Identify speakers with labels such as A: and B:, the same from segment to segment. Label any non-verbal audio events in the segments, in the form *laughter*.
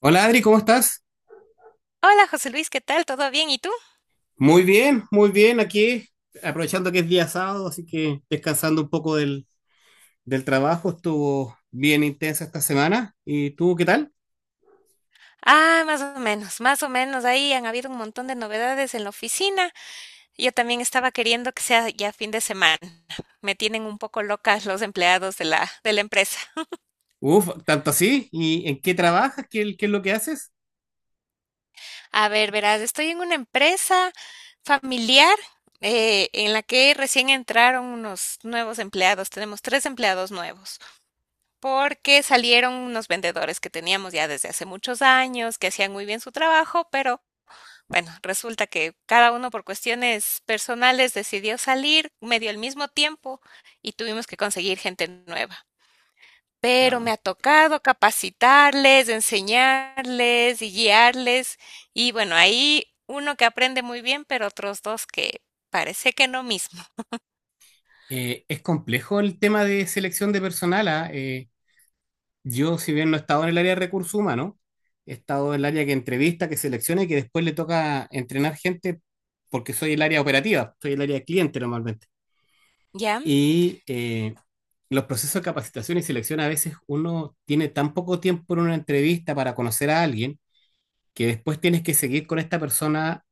A: Hola Adri, ¿cómo estás?
B: Hola José Luis, ¿qué tal? ¿Todo bien? ¿Y tú?
A: Muy bien aquí, aprovechando que es día sábado, así que descansando un poco del trabajo, estuvo bien intensa esta semana. ¿Y tú qué tal?
B: Ah, más o menos, más o menos. Ahí han habido un montón de novedades en la oficina. Yo también estaba queriendo que sea ya fin de semana. Me tienen un poco locas los empleados de la empresa.
A: Uf, tanto así. ¿Y en qué trabajas? ¿Qué es lo que haces?
B: A ver, verás, estoy en una empresa familiar en la que recién entraron unos nuevos empleados. Tenemos tres empleados nuevos porque salieron unos vendedores que teníamos ya desde hace muchos años, que hacían muy bien su trabajo, pero bueno, resulta que cada uno por cuestiones personales decidió salir medio al mismo tiempo y tuvimos que conseguir gente nueva. Pero me
A: Ah,
B: ha tocado capacitarles, enseñarles y guiarles. Y bueno, ahí uno que aprende muy bien, pero otros dos que parece que no mismo.
A: es complejo el tema de selección de personal. Yo, si bien no he estado en el área de recursos humanos, he estado en el área que entrevista, que selecciona y que después le toca entrenar gente porque soy el área operativa, soy el área de cliente normalmente.
B: ¿Ya?
A: Y los procesos de capacitación y selección a veces uno tiene tan poco tiempo en una entrevista para conocer a alguien que después tienes que seguir con esta persona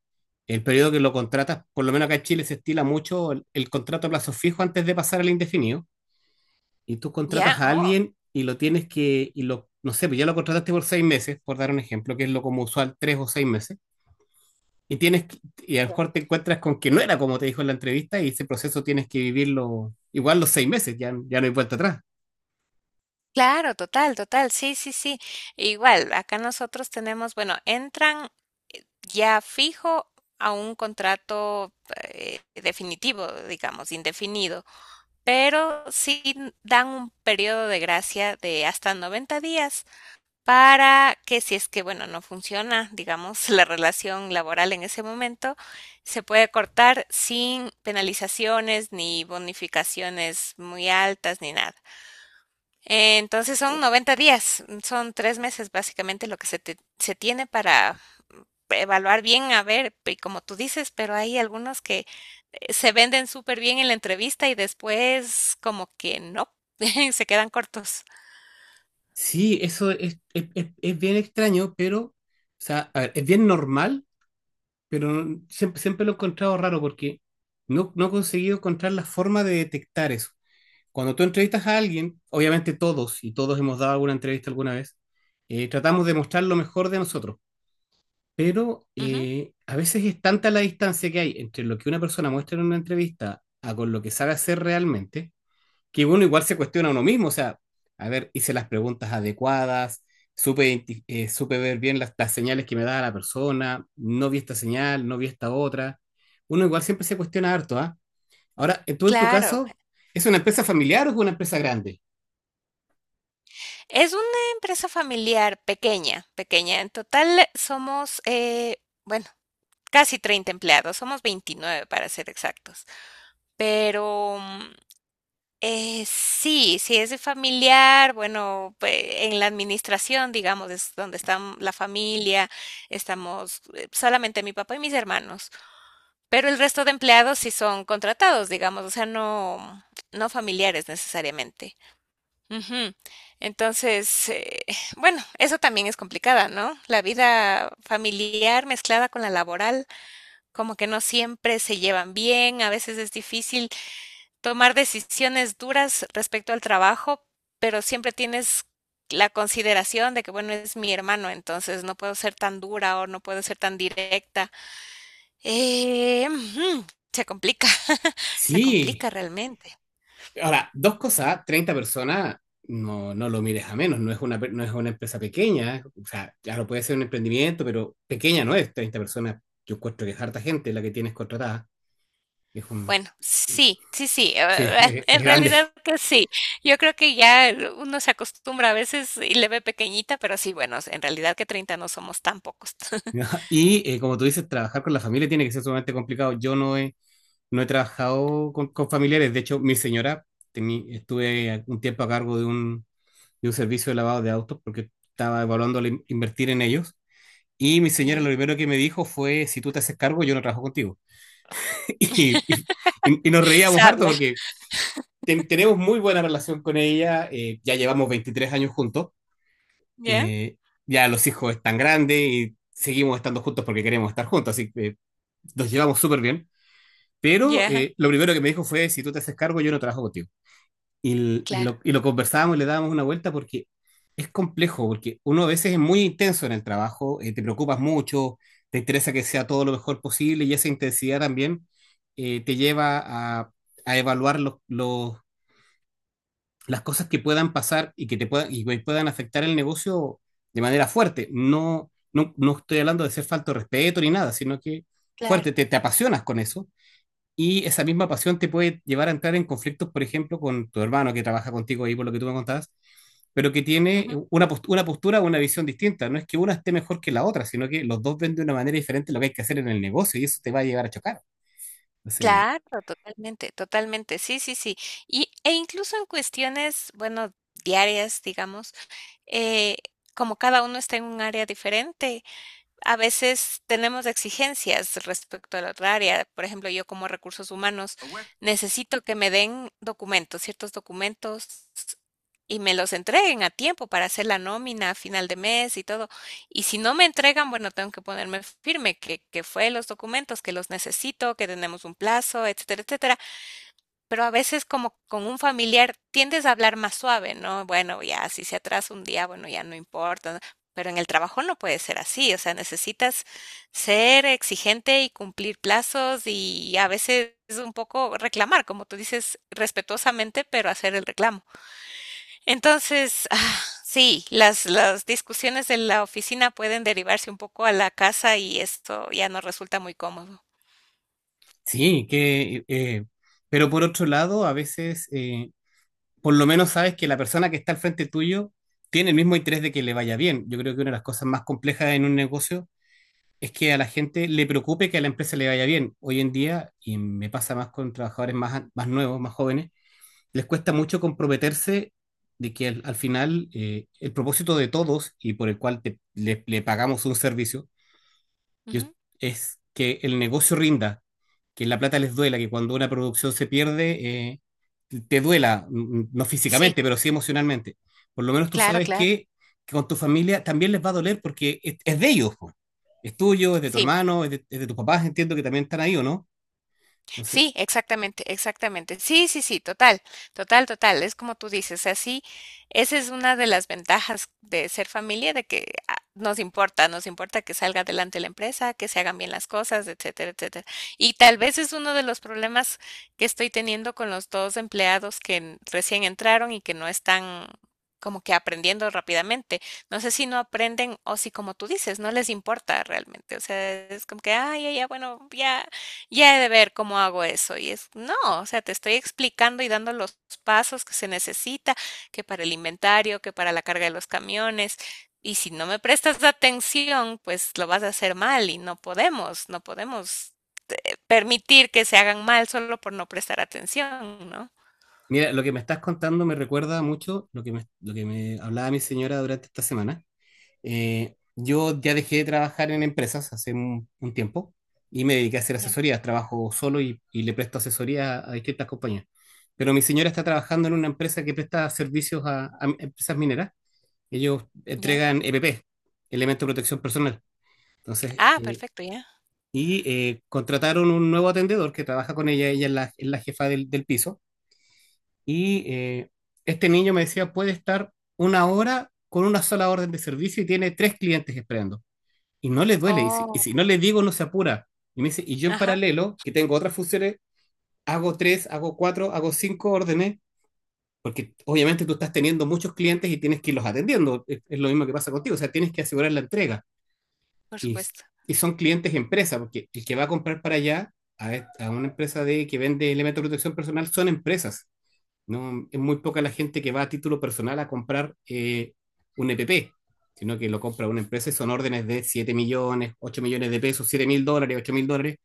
A: el periodo que lo contratas. Por lo menos acá en Chile se estila mucho el contrato a plazo fijo antes de pasar al indefinido. Y tú
B: ¿Ya?
A: contratas a
B: Oh.
A: alguien y lo tienes que, y lo, no sé, pues ya lo contrataste por 6 meses, por dar un ejemplo, que es lo como usual, 3 o 6 meses. Y tienes que- y a lo
B: Ya.
A: mejor te encuentras con que no era como te dijo en la entrevista y ese proceso tienes que vivirlo igual los 6 meses, ya, ya no hay vuelta atrás.
B: Claro, total, total, sí, sí, sí. Igual, acá nosotros tenemos, bueno, entran ya fijo a un contrato definitivo, digamos, indefinido, pero sí dan un periodo de gracia de hasta 90 días para que si es que, bueno, no funciona, digamos, *laughs* la relación laboral en ese momento, se puede cortar sin penalizaciones ni bonificaciones muy altas ni nada. Entonces son 90 días, son 3 meses básicamente lo que se tiene para evaluar bien, a ver, y como tú dices, pero hay algunos que se venden súper bien en la entrevista y después como que no, *laughs* se quedan cortos.
A: Sí, eso es bien extraño, pero, o sea, a ver, es bien normal, pero siempre, siempre lo he encontrado raro porque no he conseguido encontrar la forma de detectar eso. Cuando tú entrevistas a alguien, obviamente todos, y todos hemos dado alguna entrevista alguna vez, tratamos de mostrar lo mejor de nosotros, pero
B: Ujú.
A: a veces es tanta la distancia que hay entre lo que una persona muestra en una entrevista a con lo que sabe hacer realmente, que uno igual se cuestiona a uno mismo, o sea, a ver, hice las preguntas adecuadas, supe, supe ver bien las señales que me daba la persona, no vi esta señal, no vi esta otra. Uno igual siempre se cuestiona harto, ¿ah? Ahora, tú en tu
B: Claro,
A: caso, ¿es una empresa familiar o es una empresa grande?
B: es una empresa familiar pequeña, pequeña. En total somos, bueno, casi 30 empleados, somos 29 para ser exactos, pero sí, si es de familiar, bueno, pe- en la administración, digamos, es donde está la familia, estamos solamente mi papá y mis hermanos, pero el resto de empleados sí son contratados, digamos, o sea, no, no familiares necesariamente. Ujú. Entonces, *laughs* *sighs* bueno, eso también es complicada, ¿no? La vida familiar mezclada con la laboral, como que no siempre se llevan bien, a veces es difícil tomar decisiones duras respecto al trabajo, pero siempre tienes la consideración de que, bueno, es mi hermano, entonces no puedo ser tan dura o no puedo ser tan directa. Eh, mm, se complica, *laughs* se
A: Sí.
B: complica realmente.
A: Ahora, dos cosas, ¿ah? 30 personas, no, no lo mires a menos, no es una, no es una empresa pequeña, o sea, claro, puede ser un emprendimiento, pero pequeña no es, 30 personas, yo encuentro que es harta gente la que tienes contratada, es un,
B: Bueno, sí, sí, sí,
A: sí,
B: *laughs*
A: es
B: en
A: grande.
B: realidad que sí. Yo creo que ya uno se acostumbra a veces y le ve pequeñita, pero sí, bueno, en realidad que 30 no somos tan pocos.
A: ¿No?
B: *laughs*
A: Y como tú dices, trabajar con la familia tiene que ser sumamente complicado. Yo no he, no he trabajado con familiares. De hecho, mi señora, estuve un tiempo a cargo de un servicio de lavado de autos porque estaba evaluando invertir en ellos. Y mi señora lo
B: Ya.
A: primero que me dijo fue, si tú te haces cargo, yo no trabajo contigo. *laughs* Y, y nos reíamos harto
B: Sabia,
A: porque tenemos muy buena relación con ella. Ya llevamos 23 años juntos.
B: ya,
A: eh, ya los hijos están grandes y seguimos estando juntos porque queremos estar juntos, así que nos llevamos súper bien. Pero
B: ya.
A: lo primero que me dijo fue, si tú te haces cargo, yo no trabajo contigo. Y,
B: Claro,
A: y lo conversábamos y le dábamos una vuelta porque es complejo, porque uno a veces es muy intenso en el trabajo, te preocupas mucho, te interesa que sea todo lo mejor posible y esa intensidad también te lleva a, a evaluar las cosas que puedan pasar y que te puedan, y que puedan afectar el negocio de manera fuerte. No, no, no estoy hablando de ser falto de respeto ni nada, sino que
B: claro.
A: fuerte, te apasionas con eso y esa misma pasión te puede llevar a entrar en conflictos, por ejemplo, con tu hermano que trabaja contigo ahí, por lo que tú me contabas, pero que tiene una, una postura o una visión distinta. No es que una esté mejor que la otra, sino que los dos ven de una manera diferente lo que hay que hacer en el negocio y eso te va a llevar a chocar. Entonces,
B: Claro, totalmente, totalmente. Sí, sí, sí. Y, e incluso en cuestiones, bueno, diarias, digamos, eh, como cada uno está en un área diferente, a veces tenemos exigencias respecto a la otra área. Por ejemplo, yo como recursos humanos necesito que me den documentos, ciertos documentos y me los entreguen a tiempo para hacer la nómina a final de mes y todo. Y si no me entregan, bueno, tengo que ponerme firme que fue los documentos, que los necesito, que tenemos un plazo, etcétera, etcétera, pero a veces como con un familiar tiendes a hablar más suave, ¿no? Bueno, ya si se atrasa un día, bueno, ya no importa, ¿no? Pero en el trabajo no puede ser así, o sea, necesitas ser exigente y cumplir plazos y a veces un poco reclamar, como tú dices, respetuosamente, pero hacer el reclamo. Entonces, ah, sí, las discusiones de la oficina pueden derivarse un poco a la casa y esto ya no resulta muy cómodo.
A: sí, pero por otro lado, a veces, por lo menos sabes que la persona que está al frente tuyo tiene el mismo interés de que le vaya bien. Yo creo que una de las cosas más complejas en un negocio es que a la gente le preocupe que a la empresa le vaya bien. Hoy en día, y me pasa más con trabajadores más, más nuevos, más jóvenes, les cuesta mucho comprometerse de que al final el propósito de todos y por el cual le pagamos un servicio yo-
B: Ujú.
A: es que el negocio rinda, que la plata les duela, que cuando una producción se pierde, te duela, mm, no
B: Sí,
A: físicamente, pero sí emocionalmente. Por lo menos tú
B: claro,
A: sabes
B: claro.
A: que con tu familia también les va a doler porque es de ellos, po. Es tuyo, es de tu
B: Sí.
A: hermano, es de tus papás, entiendo que también están ahí, ¿o no? Entonces,
B: Sí, exactamente, exactamente. Sí, sí, sí, total, total, total. Es como tú dices, así, esa es una de las ventajas de ser familia, de que ah, nos importa que salga adelante la empresa, que se hagan bien las cosas, etcétera, etcétera. Y tal vez es uno de los problemas que estoy teniendo con los dos empleados que en- recién entraron y que no están como que aprendiendo rápidamente. No sé si no aprenden o si, como tú dices, no les importa realmente. O sea, es como que, ay, ya, ya, bueno, ya ya he de ver cómo hago eso. Y es, no, o sea, te estoy explicando y dando los pasos que se necesita, que para el inventario, que para la carga de los camiones. Y si no me prestas atención, pues lo vas a hacer mal y no podemos permitir que se hagan mal solo por no prestar atención, ¿no?
A: mira, lo que me estás contando me recuerda mucho lo que me hablaba mi señora durante esta semana. Yo ya dejé de trabajar en empresas hace un tiempo y me dediqué a hacer
B: Ya,
A: asesorías. Trabajo solo y le presto asesoría a, distintas compañías. Pero mi señora está trabajando en una empresa que presta servicios a empresas mineras. Ellos
B: ya.
A: entregan EPP, Elemento de Protección Personal. Entonces,
B: Ah, perfecto, ya.
A: y contrataron un nuevo atendedor que trabaja con ella. Ella es la jefa del piso. Y este niño me decía, puede estar una hora con una sola orden de servicio y tiene tres clientes esperando y no le duele. Y
B: Oh,
A: si no le digo, no se apura. Y me dice, y yo en
B: ajá,
A: paralelo, que tengo otras funciones, hago tres, hago cuatro, hago cinco órdenes, porque obviamente tú estás teniendo muchos clientes y tienes que irlos atendiendo. Es lo mismo que pasa contigo, o sea, tienes que asegurar la entrega.
B: por
A: Y,
B: supuesto.
A: y son clientes empresa, porque el que va a comprar para allá, a una empresa de, que vende elementos de protección personal, son empresas. No, es muy poca la gente que va a título personal a comprar un EPP, sino que lo compra una empresa y son órdenes de 7 millones, 8 millones de pesos, 7.000 dólares, 8.000 dólares,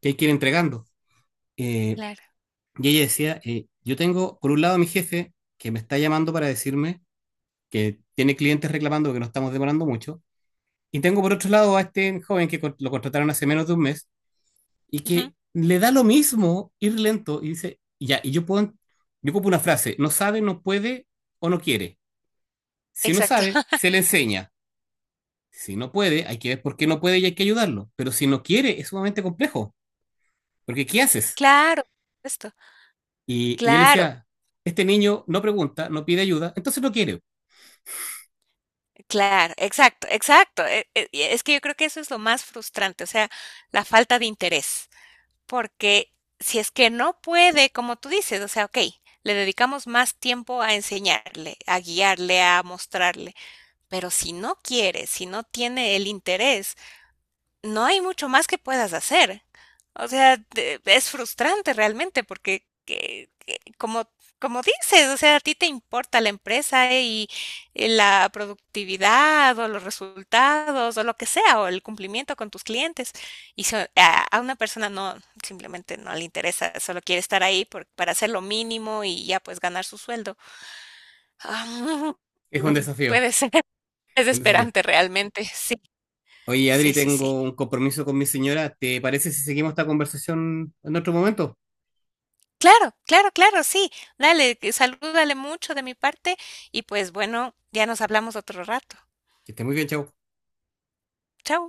A: que hay que ir entregando. Eh,
B: Claro.
A: y ella decía, yo tengo por un lado a mi jefe que me está llamando para decirme que tiene clientes reclamando que no estamos demorando mucho, y tengo por otro lado a este joven que lo contrataron hace menos de un mes, y
B: Ujú.
A: que le da lo mismo ir lento y dice, ya, y yo puedo, yo pongo una frase, no sabe, no puede o no quiere. Si no
B: Exacto.
A: sabe,
B: *laughs*
A: se le enseña. Si no puede, hay que ver por qué no puede y hay que ayudarlo. Pero si no quiere, es sumamente complejo, porque ¿qué haces?
B: Claro, por supuesto.
A: Y yo le
B: Claro,
A: decía, este niño no pregunta, no pide ayuda, entonces no quiere.
B: claro, exacto, exacto. E- e- y es que yo creo que eso es lo más frustrante, o sea, la falta de interés, porque si es que no puede, como tú dices, o sea, ok, le dedicamos más tiempo a enseñarle, a guiarle, a mostrarle, pero si no quiere, si no tiene el interés, no hay mucho más que puedas hacer. O sea, te- es frustrante realmente porque, que- como, como dices, o sea, a ti te importa la empresa y la productividad o los resultados o lo que sea, o el cumplimiento con tus clientes. Y so- a una persona no, simplemente no le interesa, solo quiere estar ahí por- para hacer lo mínimo y ya pues ganar su sueldo. Ah,
A: Es un
B: *laughs*
A: desafío,
B: puede ser *laughs*
A: es un desafío.
B: desesperante realmente, sí,
A: Oye, Adri,
B: sí, sí, sí.
A: tengo un compromiso con mi señora. ¿Te parece si seguimos esta conversación en otro momento?
B: Claro, claro, claro, sí. Dale, que salúdale mucho de mi parte y, pues, bueno, ya nos hablamos otro rato.
A: Que esté muy bien, chao.
B: Chao.